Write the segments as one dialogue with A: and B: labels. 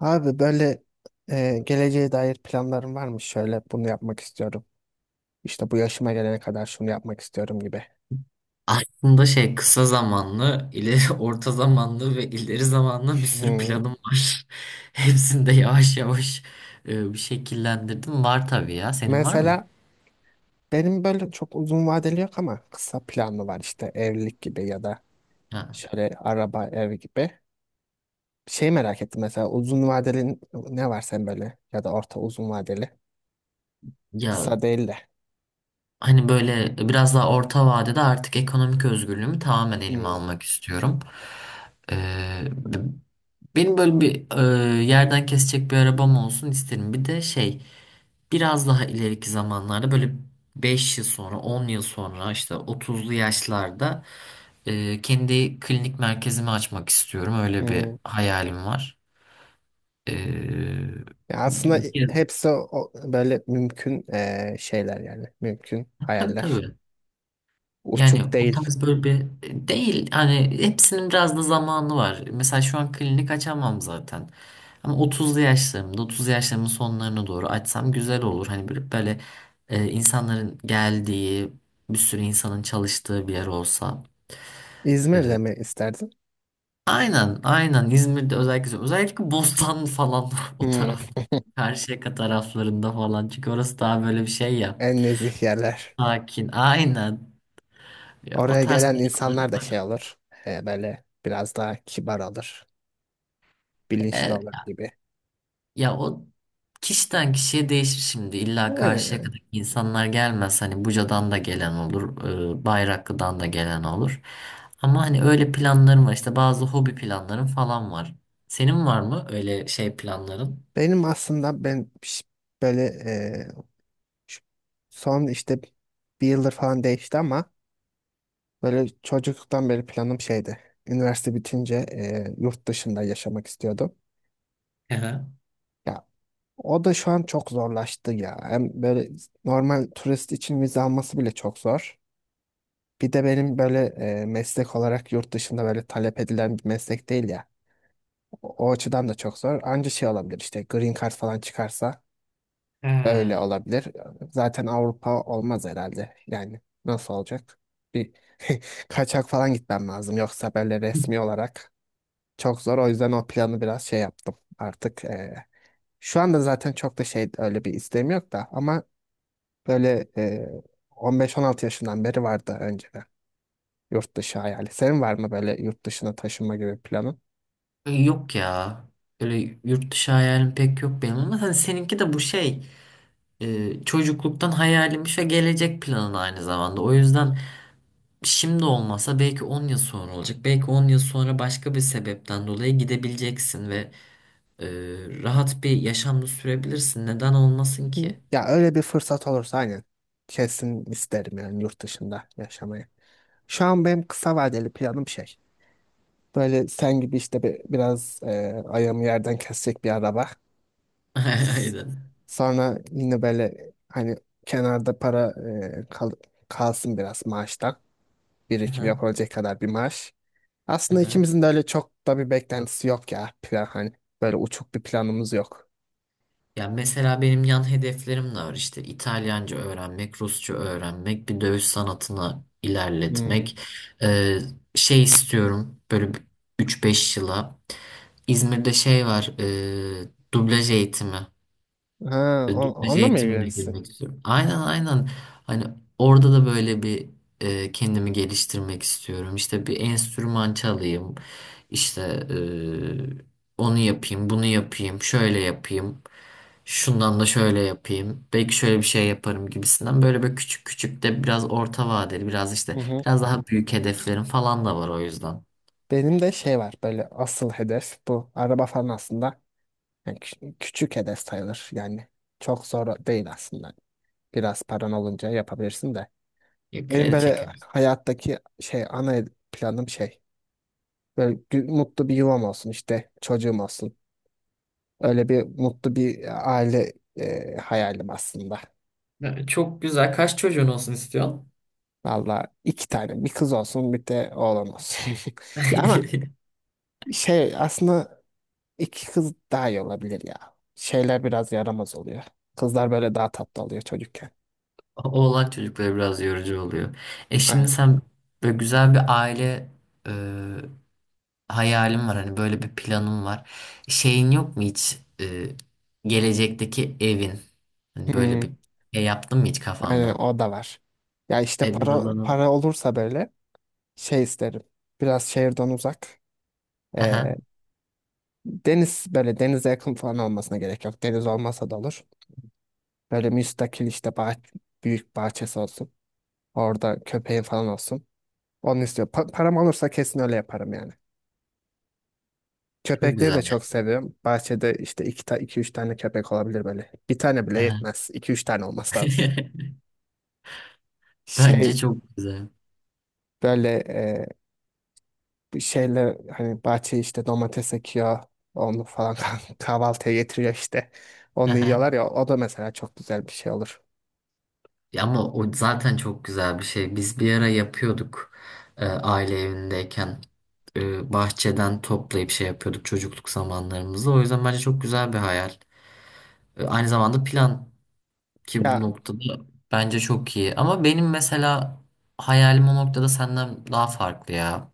A: Abi böyle geleceğe dair planlarım var mı? Şöyle bunu yapmak istiyorum. İşte bu yaşıma gelene kadar şunu yapmak istiyorum gibi.
B: Aslında şey kısa zamanlı, ileri orta zamanlı ve ileri zamanlı bir sürü
A: Hmm.
B: planım var. Hepsini de yavaş yavaş bir şekillendirdim. Var tabii ya. Senin var mı?
A: Mesela benim böyle çok uzun vadeli yok ama kısa planlı var işte evlilik gibi ya da
B: Ha.
A: şöyle araba ev gibi. Şey merak ettim mesela uzun vadeli ne var sen böyle ya da orta uzun vadeli
B: Ya
A: kısa değil de.
B: hani böyle biraz daha orta vadede artık ekonomik özgürlüğümü tamamen elime
A: Hmm.
B: almak istiyorum. Ee, b- Benim böyle bir yerden kesecek bir arabam olsun isterim. Bir de şey biraz daha ileriki zamanlarda böyle 5 yıl sonra 10 yıl sonra işte 30'lu yaşlarda kendi klinik merkezimi açmak istiyorum. Öyle bir
A: Hmm.
B: hayalim var. E,
A: Ya aslında
B: bir kere-
A: hepsi böyle mümkün şeyler yani mümkün
B: tabii
A: hayaller.
B: tabii. Yani
A: Uçuk
B: o
A: değil.
B: tarz böyle bir değil hani hepsinin biraz da zamanı var. Mesela şu an klinik açamam zaten. Ama 30'lu yaşlarımda, 30'lu yaşlarımın sonlarına doğru açsam güzel olur. Hani böyle, böyle insanların geldiği, bir sürü insanın çalıştığı bir yer olsa.
A: İzmir'de
B: E,
A: mi isterdin?
B: aynen, aynen İzmir'de özellikle, özellikle Bostan falan o
A: Hmm,
B: taraf. Karşıyaka taraflarında falan. Çünkü orası daha böyle bir şey ya.
A: en nezih yerler.
B: Sakin, aynen. Ya, o
A: Oraya
B: tarz
A: gelen
B: planlarım
A: insanlar da
B: var.
A: şey olur. Böyle biraz daha kibar olur. Bilinçli olur
B: E,
A: gibi.
B: Ya o kişiden kişiye değişir şimdi. İlla karşıya
A: He,
B: kadar insanlar gelmez. Hani Buca'dan da gelen olur, Bayraklı'dan da gelen olur. Ama hani öyle planlarım var. İşte bazı hobi planlarım falan var. Senin var mı öyle şey planların?
A: benim aslında ben böyle e, ş- son işte bir yıldır falan değişti ama böyle çocukluktan beri planım şeydi. Üniversite bitince yurt dışında yaşamak istiyordum.
B: Hı hı.
A: Ya o da şu an çok zorlaştı ya. Hem böyle normal turist için vize alması bile çok zor. Bir de benim böyle meslek olarak yurt dışında böyle talep edilen bir meslek değil ya. O açıdan da çok zor. Anca şey olabilir işte green card falan çıkarsa öyle
B: Ha.
A: olabilir. Zaten Avrupa olmaz herhalde. Yani nasıl olacak? Bir kaçak falan gitmem lazım. Yoksa böyle resmi olarak çok zor. O yüzden o planı biraz şey yaptım artık. Şu anda zaten çok da şey öyle bir isteğim yok da ama böyle 15-16 yaşından beri vardı önceden. Yurt dışı hayali. Senin var mı böyle yurt dışına taşınma gibi planın?
B: Yok ya. Öyle yurt dışı hayalim pek yok benim ama hani seninki de bu şey çocukluktan hayalim ve gelecek planın aynı zamanda. O yüzden şimdi olmasa belki 10 yıl sonra olacak. Belki 10 yıl sonra başka bir sebepten dolayı gidebileceksin ve e, rahat bir yaşamda sürebilirsin. Neden olmasın
A: Hı.
B: ki?
A: Ya öyle bir fırsat olursa aynen. Kesin isterim yani yurt dışında yaşamayı. Şu an benim kısa vadeli planım şey. Böyle sen gibi işte biraz ayağımı yerden kesecek bir araba. S-
B: Aynen.
A: Sonra yine böyle hani kenarda para e, kal- kalsın biraz maaştan. Birikim
B: Aha,
A: yapabilecek kadar bir maaş. Aslında
B: aha.
A: ikimizin de öyle çok da bir beklentisi yok ya. Plan hani böyle uçuk bir planımız yok.
B: Ya mesela benim yan hedeflerim de var işte İtalyanca öğrenmek, Rusça öğrenmek, bir dövüş sanatına
A: Hmm.
B: ilerletmek. E, Şey istiyorum böyle üç beş yıla. İzmir'de şey var, dublaj eğitimi.
A: Ha,
B: Dublaj
A: onunla mı
B: eğitimine
A: ilgilenirsin?
B: girmek istiyorum. Aynen aynen. Hani orada da böyle bir kendimi geliştirmek istiyorum. İşte bir enstrüman çalayım. İşte onu yapayım, bunu yapayım, şöyle yapayım. Şundan da şöyle yapayım. Belki şöyle bir şey yaparım gibisinden. Böyle böyle küçük küçük de biraz orta vadeli, biraz
A: Hı
B: işte
A: hı.
B: biraz daha büyük hedeflerim falan da var o yüzden.
A: Benim de şey var böyle asıl hedef bu. Araba falan aslında yani küçük hedef sayılır yani. Çok zor değil aslında. Biraz paran olunca yapabilirsin de.
B: Ya,
A: Benim
B: kredi
A: böyle
B: çekeriz.
A: hayattaki şey ana planım şey. Böyle mutlu bir yuvam olsun işte çocuğum olsun. Öyle bir mutlu bir aile hayalim aslında.
B: Ya, çok güzel. Kaç çocuğun olsun istiyorsun?
A: Valla iki tane bir kız olsun bir de oğlan olsun. Ya ama şey aslında iki kız daha iyi olabilir ya. Şeyler biraz yaramaz oluyor. Kızlar böyle daha tatlı oluyor çocukken.
B: Oğlan çocukları biraz yorucu oluyor. E şimdi
A: Aynen.
B: sen böyle güzel bir aile e, hayalin var. Hani böyle bir planın var. Şeyin yok mu hiç gelecekteki evin? Hani böyle
A: Hmm,
B: bir şey yaptın mı hiç
A: aynen
B: kafanda?
A: o da var. Ya işte
B: E biraz onu.
A: para olursa böyle şey isterim. Biraz şehirden uzak.
B: Hı hı.
A: Deniz böyle denize yakın falan olmasına gerek yok. Deniz olmasa da olur. Böyle müstakil işte büyük bahçesi olsun. Orada köpeğin falan olsun. Onu istiyor. Param olursa kesin öyle yaparım yani.
B: Çok
A: Köpekleri
B: güzel
A: de
B: ya.
A: çok seviyorum. Bahçede işte iki üç tane köpek olabilir böyle. Bir tane
B: Hı
A: bile
B: hı.
A: yetmez. İki üç tane olması lazım.
B: Bence
A: Şey
B: çok güzel.
A: böyle bir şeyle hani bahçeye işte domates ekiyor. Onu falan kahvaltıya getiriyor işte. Onu yiyorlar ya o da mesela çok güzel bir şey olur.
B: Ya ama o zaten çok güzel bir şey. Biz bir ara yapıyorduk aile evindeyken. Bahçeden toplayıp şey yapıyorduk çocukluk zamanlarımızda. O yüzden bence çok güzel bir hayal. Aynı zamanda plan ki bu
A: Ya
B: noktada bence çok iyi. Ama benim mesela hayalim o noktada senden daha farklı ya.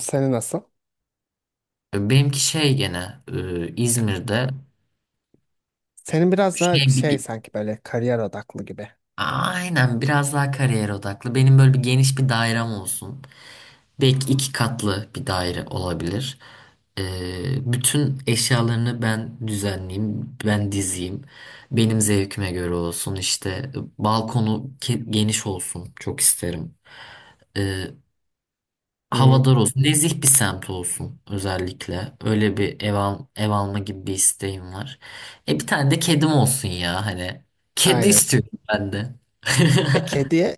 A: seni nasıl?
B: Benimki şey gene İzmir'de
A: Senin biraz daha
B: şey bir,
A: şey
B: bir-
A: sanki böyle kariyer odaklı gibi.
B: aynen biraz daha kariyer odaklı. Benim böyle bir geniş bir dairem olsun. Belki iki katlı bir daire olabilir. Bütün eşyalarını ben düzenleyeyim, ben dizeyim. Benim zevkime göre olsun işte. Balkonu geniş olsun çok isterim. Ee,
A: Hmm,
B: Havadar olsun, nezih bir semt olsun özellikle. Öyle bir ev, ev alma gibi bir isteğim var. E bir tane de kedim olsun ya hani. Kedi
A: aynen.
B: istiyorum ben de.
A: Kediye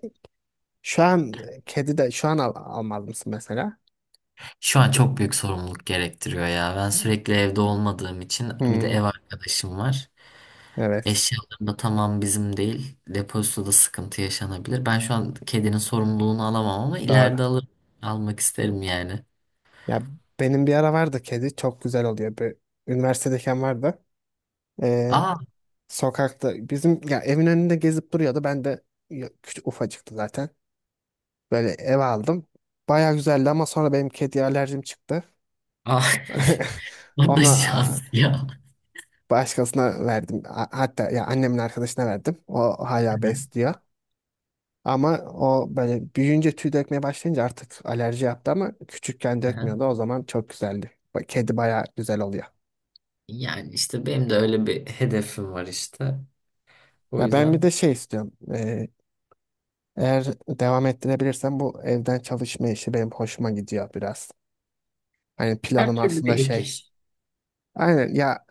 A: şu an kedi de şu an almaz mısın mesela?
B: Şu an çok büyük sorumluluk gerektiriyor ya. Ben sürekli evde olmadığım için bir de ev
A: Hmm,
B: arkadaşım var.
A: evet.
B: Eşyalarım da tamam bizim değil. Depozitoda sıkıntı yaşanabilir. Ben şu an kedinin sorumluluğunu alamam ama
A: Doğru.
B: ileride alır, almak isterim yani.
A: Ya benim bir ara vardı kedi çok güzel oluyor. Bir, üniversitedeyken vardı. Ee,
B: Aa,
A: Sokakta bizim ya evin önünde gezip duruyordu. Ben de ya, küçük ufacıktı zaten. Böyle eve aldım. Baya güzeldi ama sonra benim kediye alerjim çıktı.
B: aa. O da
A: Ona
B: şans ya.
A: başkasına verdim. Hatta ya annemin arkadaşına verdim. O
B: Hı
A: hala
B: hı.
A: besliyor. Ama o böyle büyüyünce tüy dökmeye başlayınca artık alerji yaptı ama küçükken dökmüyordu. O zaman çok güzeldi. Kedi baya güzel oluyor.
B: Yani işte benim de öyle bir hedefim var işte. O
A: Ya ben bir de
B: yüzden
A: şey istiyorum. Eğer devam ettirebilirsem bu evden çalışma işi benim hoşuma gidiyor biraz. Hani
B: her
A: planım
B: türlü
A: aslında
B: bir ek
A: şey.
B: iş.
A: Aynen ya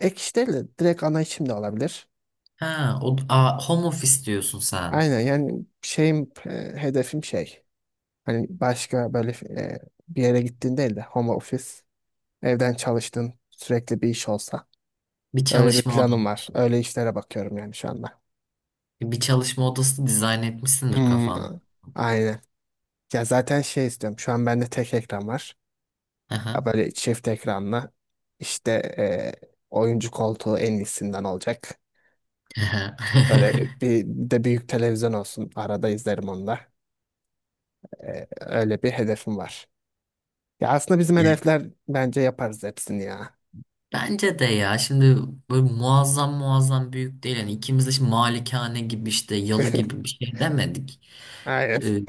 A: ek iş değil de direkt ana işim de olabilir.
B: Ha, o, aa, home office diyorsun sen.
A: Aynen yani şeyim hedefim şey. Hani başka böyle e, bir yere gittiğin değil de home office evden çalıştığın sürekli bir iş olsa.
B: Bir
A: Öyle bir
B: çalışma odan.
A: planım var. Öyle işlere bakıyorum yani şu anda.
B: Bir çalışma odası dizayn etmişsindir
A: Hmm,
B: kafan.
A: aynen. Ya zaten şey istiyorum. Şu an bende tek ekran var. Ya
B: Aha.
A: böyle çift ekranlı işte e, oyuncu koltuğu en iyisinden olacak. Böyle bir de büyük televizyon olsun. Arada izlerim onu da. Öyle bir hedefim var. Ya aslında bizim
B: Ya,
A: hedefler bence yaparız hepsini ya.
B: bence de ya şimdi böyle muazzam muazzam büyük değil. Yani ikimiz de şimdi malikane gibi işte yalı gibi bir şey demedik.
A: Aynen.
B: Ee,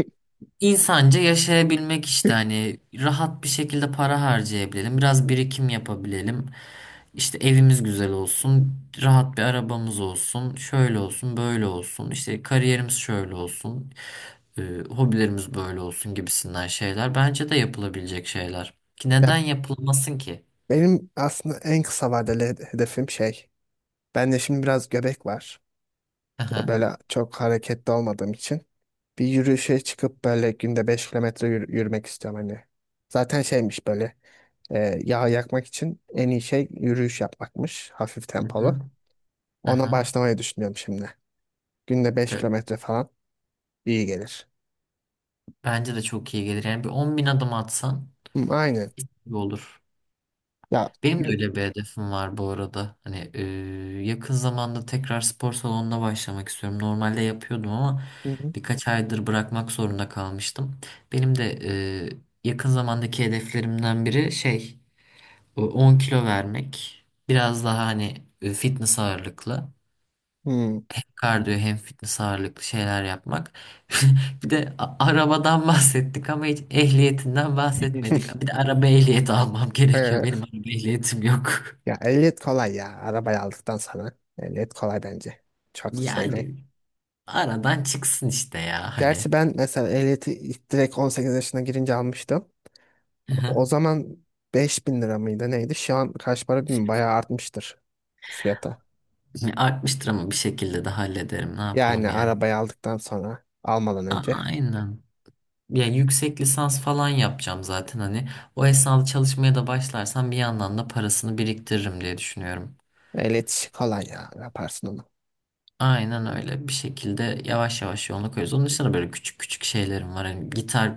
B: İnsanca yaşayabilmek işte hani rahat bir şekilde para harcayabilelim, biraz birikim yapabilelim. İşte evimiz güzel olsun, rahat bir arabamız olsun, şöyle olsun, böyle olsun, işte kariyerimiz şöyle olsun, e, hobilerimiz böyle olsun gibisinden şeyler bence de yapılabilecek şeyler. Ki neden
A: Ya
B: yapılmasın ki?
A: benim aslında en kısa vadeli hedefim şey. Bende şimdi biraz göbek var.
B: Aha,
A: Böyle çok hareketli olmadığım için. Bir yürüyüşe çıkıp böyle günde 5 kilometre yürümek istiyorum hani. Zaten şeymiş böyle. Yağ yakmak için en iyi şey yürüyüş yapmakmış. Hafif
B: hı
A: tempolu.
B: hı,
A: Ona
B: aha.
A: başlamayı düşünüyorum şimdi. Günde beş
B: E,
A: kilometre falan iyi gelir.
B: Bence de çok iyi gelir. Yani bir 10 bin adım atsan
A: Hı, aynen.
B: iyi olur.
A: Ya
B: Benim de
A: yü-
B: öyle bir hedefim var bu arada. Hani yakın zamanda tekrar spor salonuna başlamak istiyorum. Normalde yapıyordum ama
A: Hı hı.
B: birkaç aydır bırakmak zorunda kalmıştım. Benim de e, yakın zamandaki hedeflerimden biri şey o 10 kilo vermek. Biraz daha hani fitness ağırlıklı.
A: Hı.
B: Hem kardiyo hem fitness ağırlıklı şeyler yapmak. Bir de arabadan bahsettik ama hiç ehliyetinden bahsetmedik. Bir de araba ehliyeti almam
A: Ee,
B: gerekiyor. Benim araba ehliyetim yok.
A: Ya ehliyet kolay ya. Arabayı aldıktan sonra ehliyet kolay bence. Çok şey değil.
B: Yani aradan çıksın işte ya hani.
A: Gerçi ben mesela ehliyeti ilk direkt 18 yaşına girince almıştım.
B: Hı hı.
A: O zaman 5.000 lira mıydı neydi? Şu an kaç para bilmiyorum. Bayağı artmıştır fiyata.
B: Yani artmıştır ama bir şekilde de hallederim. Ne yapalım
A: Yani
B: yani?
A: arabayı aldıktan sonra almadan önce.
B: Aynen. Ya yüksek lisans falan yapacağım zaten hani. O esnada çalışmaya da başlarsam bir yandan da parasını biriktiririm diye düşünüyorum.
A: El iletişi kolay ya. Yaparsın onu.
B: Aynen öyle. Bir şekilde yavaş yavaş yoluna koyuyoruz. Onun dışında böyle küçük küçük şeylerim var. Hani gitar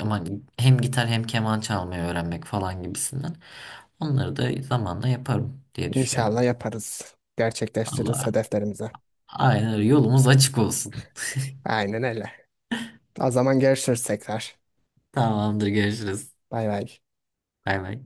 B: ama hem gitar hem keman çalmayı öğrenmek falan gibisinden. Onları da zamanla yaparım diye
A: İnşallah
B: düşünüyorum.
A: yaparız. Gerçekleştiririz
B: Allah.
A: hedeflerimizi.
B: Aynen öyle. Yolumuz açık olsun.
A: Aynen öyle. O zaman görüşürüz tekrar.
B: Tamamdır görüşürüz.
A: Bay bay.
B: Bay bay.